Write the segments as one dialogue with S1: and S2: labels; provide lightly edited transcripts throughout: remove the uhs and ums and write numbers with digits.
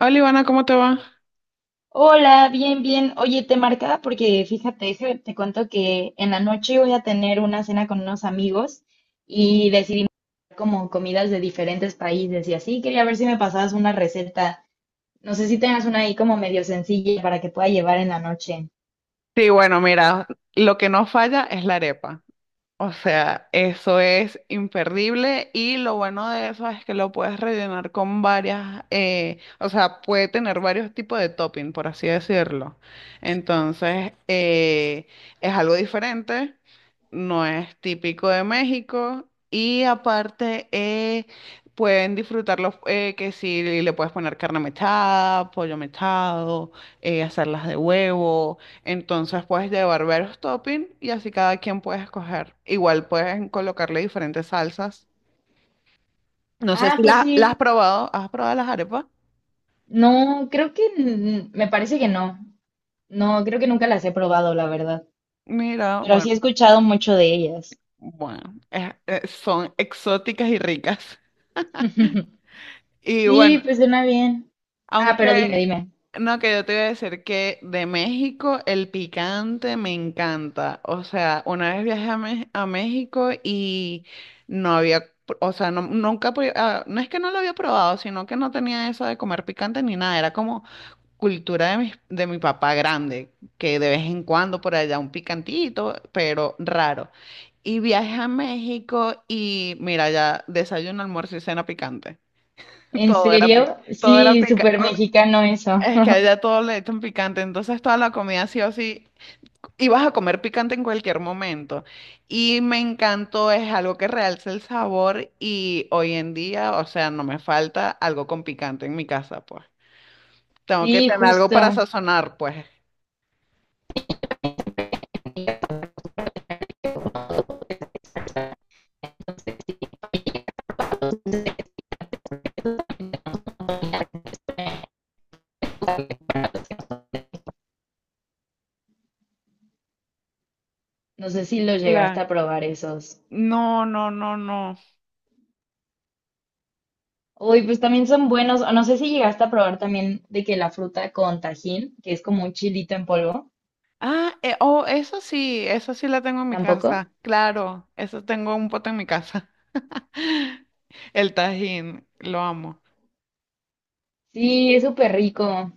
S1: Hola Ivana, ¿cómo te va?
S2: Hola, bien, bien. Oye, te marcaba porque fíjate, te cuento que en la noche voy a tener una cena con unos amigos y decidimos hacer como comidas de diferentes países y así. Quería ver si me pasabas una receta. No sé si tengas una ahí como medio sencilla para que pueda llevar en la noche.
S1: Sí, bueno, mira, lo que no falla es la arepa. O sea, eso es imperdible y lo bueno de eso es que lo puedes rellenar con varias, o sea, puede tener varios tipos de topping, por así decirlo. Entonces, es algo diferente, no es típico de México y aparte pueden disfrutarlo que si le puedes poner carne mechada, pollo mechado, hacerlas de huevo. Entonces puedes llevar varios toppings y así cada quien puede escoger. Igual puedes colocarle diferentes salsas. No sé
S2: Ah,
S1: si
S2: pues
S1: las has
S2: sí.
S1: probado. ¿Has probado las arepas?
S2: No, creo que me parece que no. No, creo que nunca las he probado, la verdad.
S1: Mira,
S2: Pero sí
S1: bueno,
S2: he escuchado mucho de ellas.
S1: son exóticas y ricas. Y
S2: Sí,
S1: bueno,
S2: pues suena bien. Ah, pero dime,
S1: aunque,
S2: dime.
S1: no, que yo te iba a decir que de México el picante me encanta. O sea, una vez viajé a, a México y no había, o sea, no, nunca, pr- ah, no es que no lo había probado, sino que no tenía eso de comer picante ni nada. Era como cultura de mi papá grande, que de vez en cuando por allá un picantito, pero raro. Y viajé a México y mira, ya desayuno, almuerzo y cena picante.
S2: ¿En
S1: Todo era, pi-
S2: serio?
S1: todo era
S2: Sí,
S1: picante.
S2: súper mexicano eso.
S1: Es que allá todo le echan picante, entonces toda la comida sí o sí, y vas a comer picante en cualquier momento. Y me encantó, es algo que realza el sabor y hoy en día, o sea, no me falta algo con picante en mi casa, pues. Tengo que
S2: Sí,
S1: tener algo para
S2: justo.
S1: sazonar, pues.
S2: No sé si los llegaste
S1: Claro.
S2: a probar esos.
S1: No, no, no, no.
S2: Uy, pues también son buenos. O no sé si llegaste a probar también de que la fruta con tajín, que es como un chilito en polvo.
S1: Oh, eso sí la tengo en mi
S2: ¿Tampoco?
S1: casa, claro, eso tengo un pote en mi casa. El tajín, lo amo.
S2: Sí, es súper rico.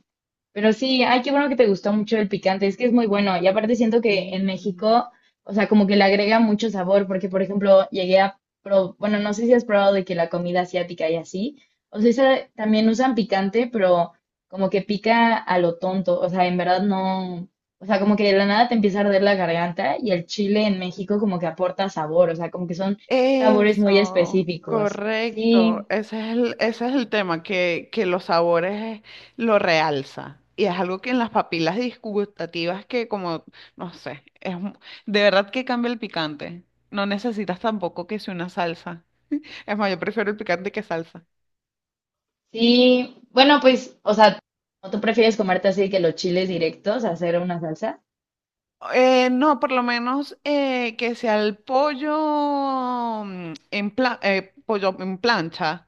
S2: Pero sí, ay, qué bueno que te gustó mucho el picante, es que es muy bueno. Y aparte siento que en
S1: Sí.
S2: México, o sea, como que le agrega mucho sabor, porque por ejemplo, bueno, no sé si has probado de que la comida asiática y así, o sea, esa también usan picante, pero como que pica a lo tonto, o sea, en verdad no, o sea, como que de la nada te empieza a arder la garganta y el chile en México como que aporta sabor, o sea, como que son sabores muy
S1: Eso,
S2: específicos.
S1: correcto.
S2: Sí,
S1: Ese es el tema, que los sabores lo realza. Y es algo que en las papilas disgustativas que como, no sé, de verdad que cambia el picante. No necesitas tampoco que sea una salsa. Es más, yo prefiero el picante que salsa.
S2: sí, bueno, pues, o sea, ¿o tú prefieres comerte así que los chiles directos hacer una salsa?
S1: No, por lo menos que sea el pollo pollo en plancha.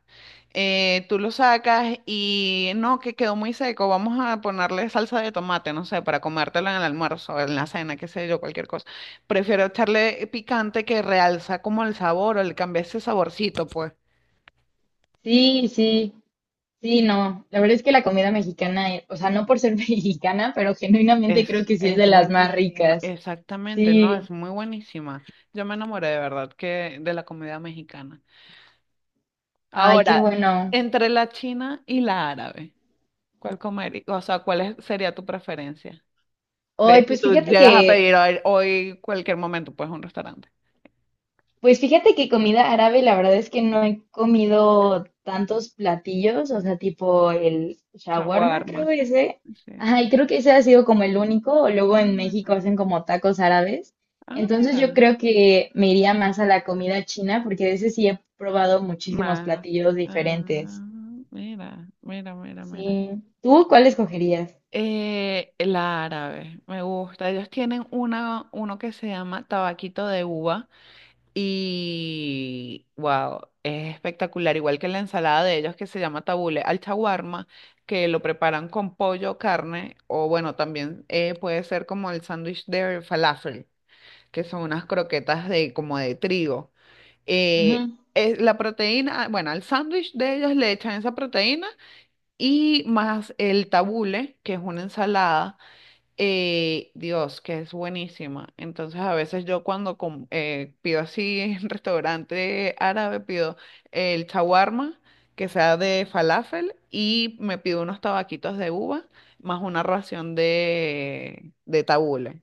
S1: Tú lo sacas y no, que quedó muy seco. Vamos a ponerle salsa de tomate, no sé, para comértelo en el almuerzo, en la cena, qué sé yo, cualquier cosa. Prefiero echarle picante que realza como el sabor o le cambia ese saborcito, pues.
S2: Sí, sí, sí, no. La verdad es que la comida mexicana, o sea, no por ser mexicana, pero genuinamente creo que sí es
S1: Es
S2: de las más
S1: buenísima,
S2: ricas.
S1: exactamente, no, es
S2: Sí,
S1: muy buenísima. Yo me enamoré de verdad que de la comida mexicana.
S2: ay, qué
S1: Ahora,
S2: bueno.
S1: entre la china y la árabe, ¿cuál comería? O sea, ¿sería tu preferencia? De
S2: Hoy,
S1: si
S2: pues
S1: tú
S2: fíjate
S1: llegas a
S2: que
S1: pedir hoy, hoy cualquier momento, pues un restaurante.
S2: pues fíjate que comida árabe, la verdad es que no he comido tantos platillos, o sea, tipo el shawarma,
S1: Shawarma.
S2: creo ese.
S1: Sí.
S2: Ajá, y creo que ese ha sido como el único. Luego
S1: Ah,
S2: en México
S1: mira.
S2: hacen como tacos árabes.
S1: Ah,
S2: Entonces yo
S1: mira.
S2: creo que me iría más a la comida china, porque de ese sí he probado muchísimos
S1: Más.
S2: platillos
S1: Ah,
S2: diferentes.
S1: mira, mira, mira, mira.
S2: Sí. ¿Tú cuál escogerías?
S1: La árabe, me gusta. Ellos tienen una, uno que se llama tabaquito de uva. Y wow, es espectacular, igual que la ensalada de ellos que se llama tabule al chaguarma, que lo preparan con pollo, carne, o bueno, también puede ser como el sándwich de falafel, que son unas croquetas de como de trigo. Eh,
S2: Ujú.
S1: es la proteína, bueno, al sándwich de ellos le echan esa proteína y más el tabule, que es una ensalada Dios, que es buenísima. Entonces, a veces yo pido así en restaurante árabe, pido el shawarma, que sea de falafel, y me pido unos tabaquitos de uva, más una ración de tabule,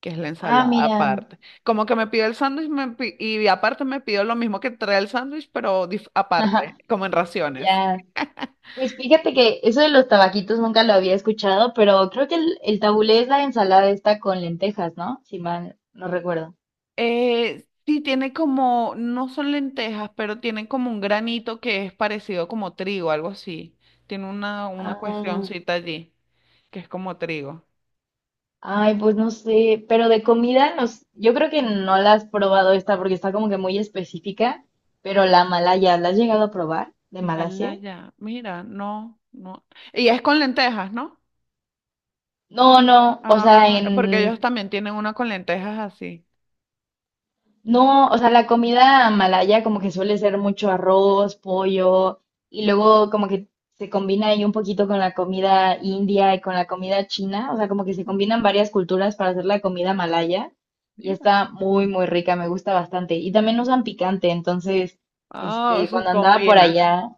S1: que es la
S2: Ah,
S1: ensalada
S2: mira.
S1: aparte. Como que me pido el sándwich y aparte me pido lo mismo que trae el sándwich, aparte, como en raciones.
S2: Ya. Pues fíjate que eso de los tabaquitos nunca lo había escuchado, pero creo que el tabulé es la ensalada esta con lentejas, ¿no? Si mal no recuerdo.
S1: Sí, tiene como, no son lentejas, pero tienen como un granito que es parecido como trigo, algo así. Tiene una
S2: Ah,
S1: cuestioncita allí, que es como trigo.
S2: ay, pues no sé, pero de comida nos, yo creo que no la has probado esta porque está como que muy específica, pero la malaya, ¿la has llegado a probar? ¿De Malasia?
S1: Malaya, mira, no, no. Y es con lentejas, ¿no?
S2: No, no, o sea,
S1: Ah, porque ellos
S2: en,
S1: también tienen una con lentejas así.
S2: no, o sea, la comida malaya como que suele ser mucho arroz, pollo, y luego como que se combina ahí un poquito con la comida india y con la comida china, o sea, como que se combinan varias culturas para hacer la comida malaya, y
S1: Mira.
S2: está muy, muy rica, me gusta bastante. Y
S1: me-
S2: también usan picante, entonces,
S1: Ah,
S2: este,
S1: se
S2: cuando andaba por
S1: combina.
S2: allá,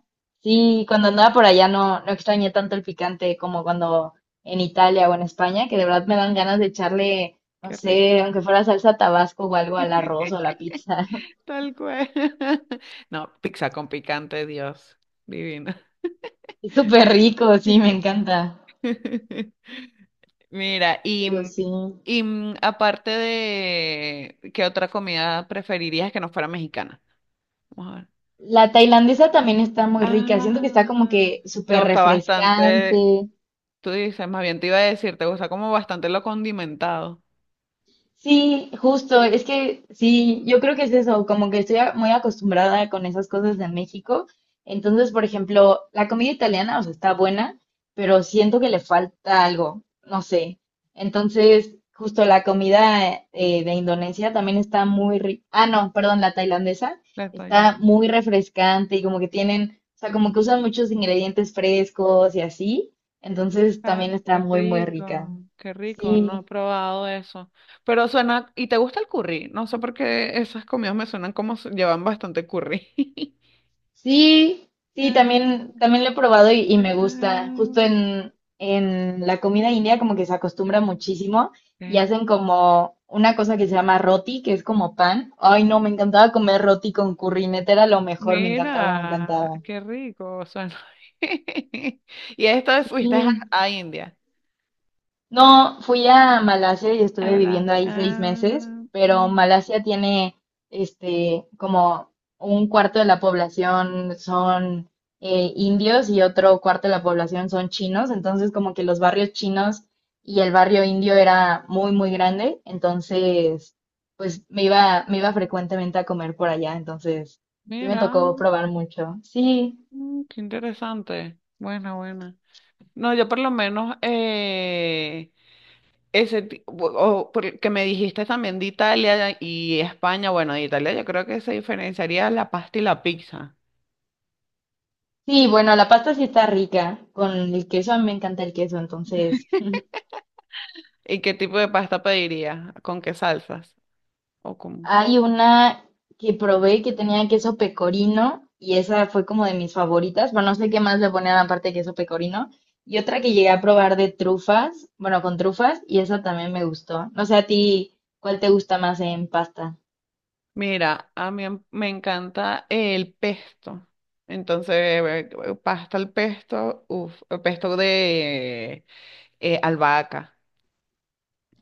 S2: sí, cuando andaba por allá no, no extrañé tanto el picante como cuando en Italia o en España, que de verdad me dan ganas de echarle no
S1: Qué
S2: sé,
S1: rica.
S2: aunque fuera salsa Tabasco o algo al arroz o a la pizza.
S1: Tal cual. No, pizza con picante, Dios. Divina.
S2: Es súper rico, sí, me encanta.
S1: Mira, y,
S2: Pero
S1: mm,
S2: sí.
S1: y mm, aparte de, ¿qué otra comida preferirías que no fuera mexicana? Vamos a ver.
S2: La tailandesa también está muy rica. Siento que está como
S1: Ah,
S2: que
S1: te
S2: súper
S1: gusta bastante,
S2: refrescante.
S1: tú dices, más bien te iba a decir, te gusta como bastante lo condimentado.
S2: Sí, justo, es que sí, yo creo que es eso, como que muy acostumbrada con esas cosas de México. Entonces, por ejemplo, la comida italiana, o sea, está buena, pero siento que le falta algo, no sé. Entonces, justo la comida de Indonesia también está muy rica. Ah, no, perdón, la tailandesa
S1: Le estoy-
S2: está muy refrescante y como que tienen, o sea, como que usan muchos ingredientes frescos y así. Entonces,
S1: Ah,
S2: también está muy, muy rica.
S1: qué rico, no he
S2: Sí.
S1: probado eso. Pero suena, ¿y te gusta el curry? No sé por qué esas comidas me suenan como s- llevan bastante curry.
S2: Sí, sí,
S1: Ah, mira,
S2: también, también lo he probado y me gusta.
S1: ah,
S2: Justo
S1: mira.
S2: en la comida india como que se acostumbra muchísimo y
S1: Eh,
S2: hacen como una cosa que se llama roti, que es como pan. Ay, no, me encantaba comer roti con curry, neta era lo mejor, me encantaba, me
S1: Mira,
S2: encantaba.
S1: qué rico suena. Y esto fuiste
S2: Sí.
S1: a India.
S2: No, fui a Malasia y
S1: Es
S2: estuve
S1: verdad.
S2: viviendo ahí 6 meses, pero Malasia tiene este como un cuarto de la población son indios y otro cuarto de la población son chinos, entonces como que los barrios chinos y el barrio indio era muy muy grande, entonces pues me iba frecuentemente a comer por allá, entonces sí me
S1: Mira,
S2: tocó probar mucho. Sí,
S1: mm, qué interesante. Buena, buena. No, yo por lo menos ese ti- o por- que me dijiste también de Italia y España. Bueno, de Italia yo creo que se diferenciaría la pasta y la pizza.
S2: sí, bueno, la pasta sí está rica, con el queso, a mí me encanta el queso, entonces
S1: ¿Y qué tipo de pasta pedirías? ¿Con qué salsas? ¿O con...?
S2: hay una que probé que tenía queso pecorino y esa fue como de mis favoritas. Bueno, no sé qué más le ponían aparte de queso pecorino. Y otra que llegué a probar de trufas, bueno, con trufas, y esa también me gustó. No sé a ti, ¿cuál te gusta más en pasta?
S1: Mira, me encanta el pesto. Entonces, pasta al pesto, uff, pesto de albahaca.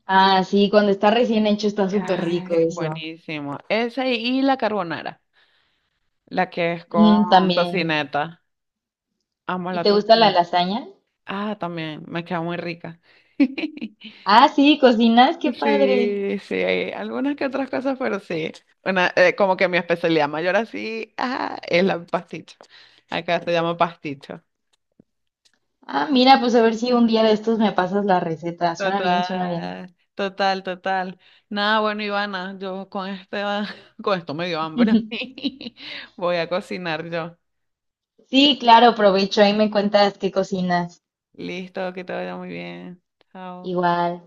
S2: Ah, sí, cuando está recién hecho está súper rico
S1: Ay,
S2: eso.
S1: buenísimo. Esa y la carbonara, la que es
S2: Mm,
S1: con
S2: también.
S1: tocineta. Amo
S2: ¿Y
S1: la
S2: te gusta la
S1: tocineta.
S2: lasaña?
S1: Ah, también, me queda muy rica.
S2: Ah, sí, cocinas, qué padre.
S1: Sí, sí, hay algunas que otras cosas, pero sí. Una, como que mi especialidad mayor así, ah, es la pasticho. Acá se llama pasticho.
S2: Ah, mira, pues a ver si un día de estos me pasas la receta. Suena bien, suena bien.
S1: Total, total, total. Nada, bueno, Ivana, yo con este, con esto me dio hambre Voy a cocinar yo.
S2: Sí, claro, provecho. Ahí me cuentas qué cocinas.
S1: Listo, que te vaya muy bien. Chao.
S2: Igual.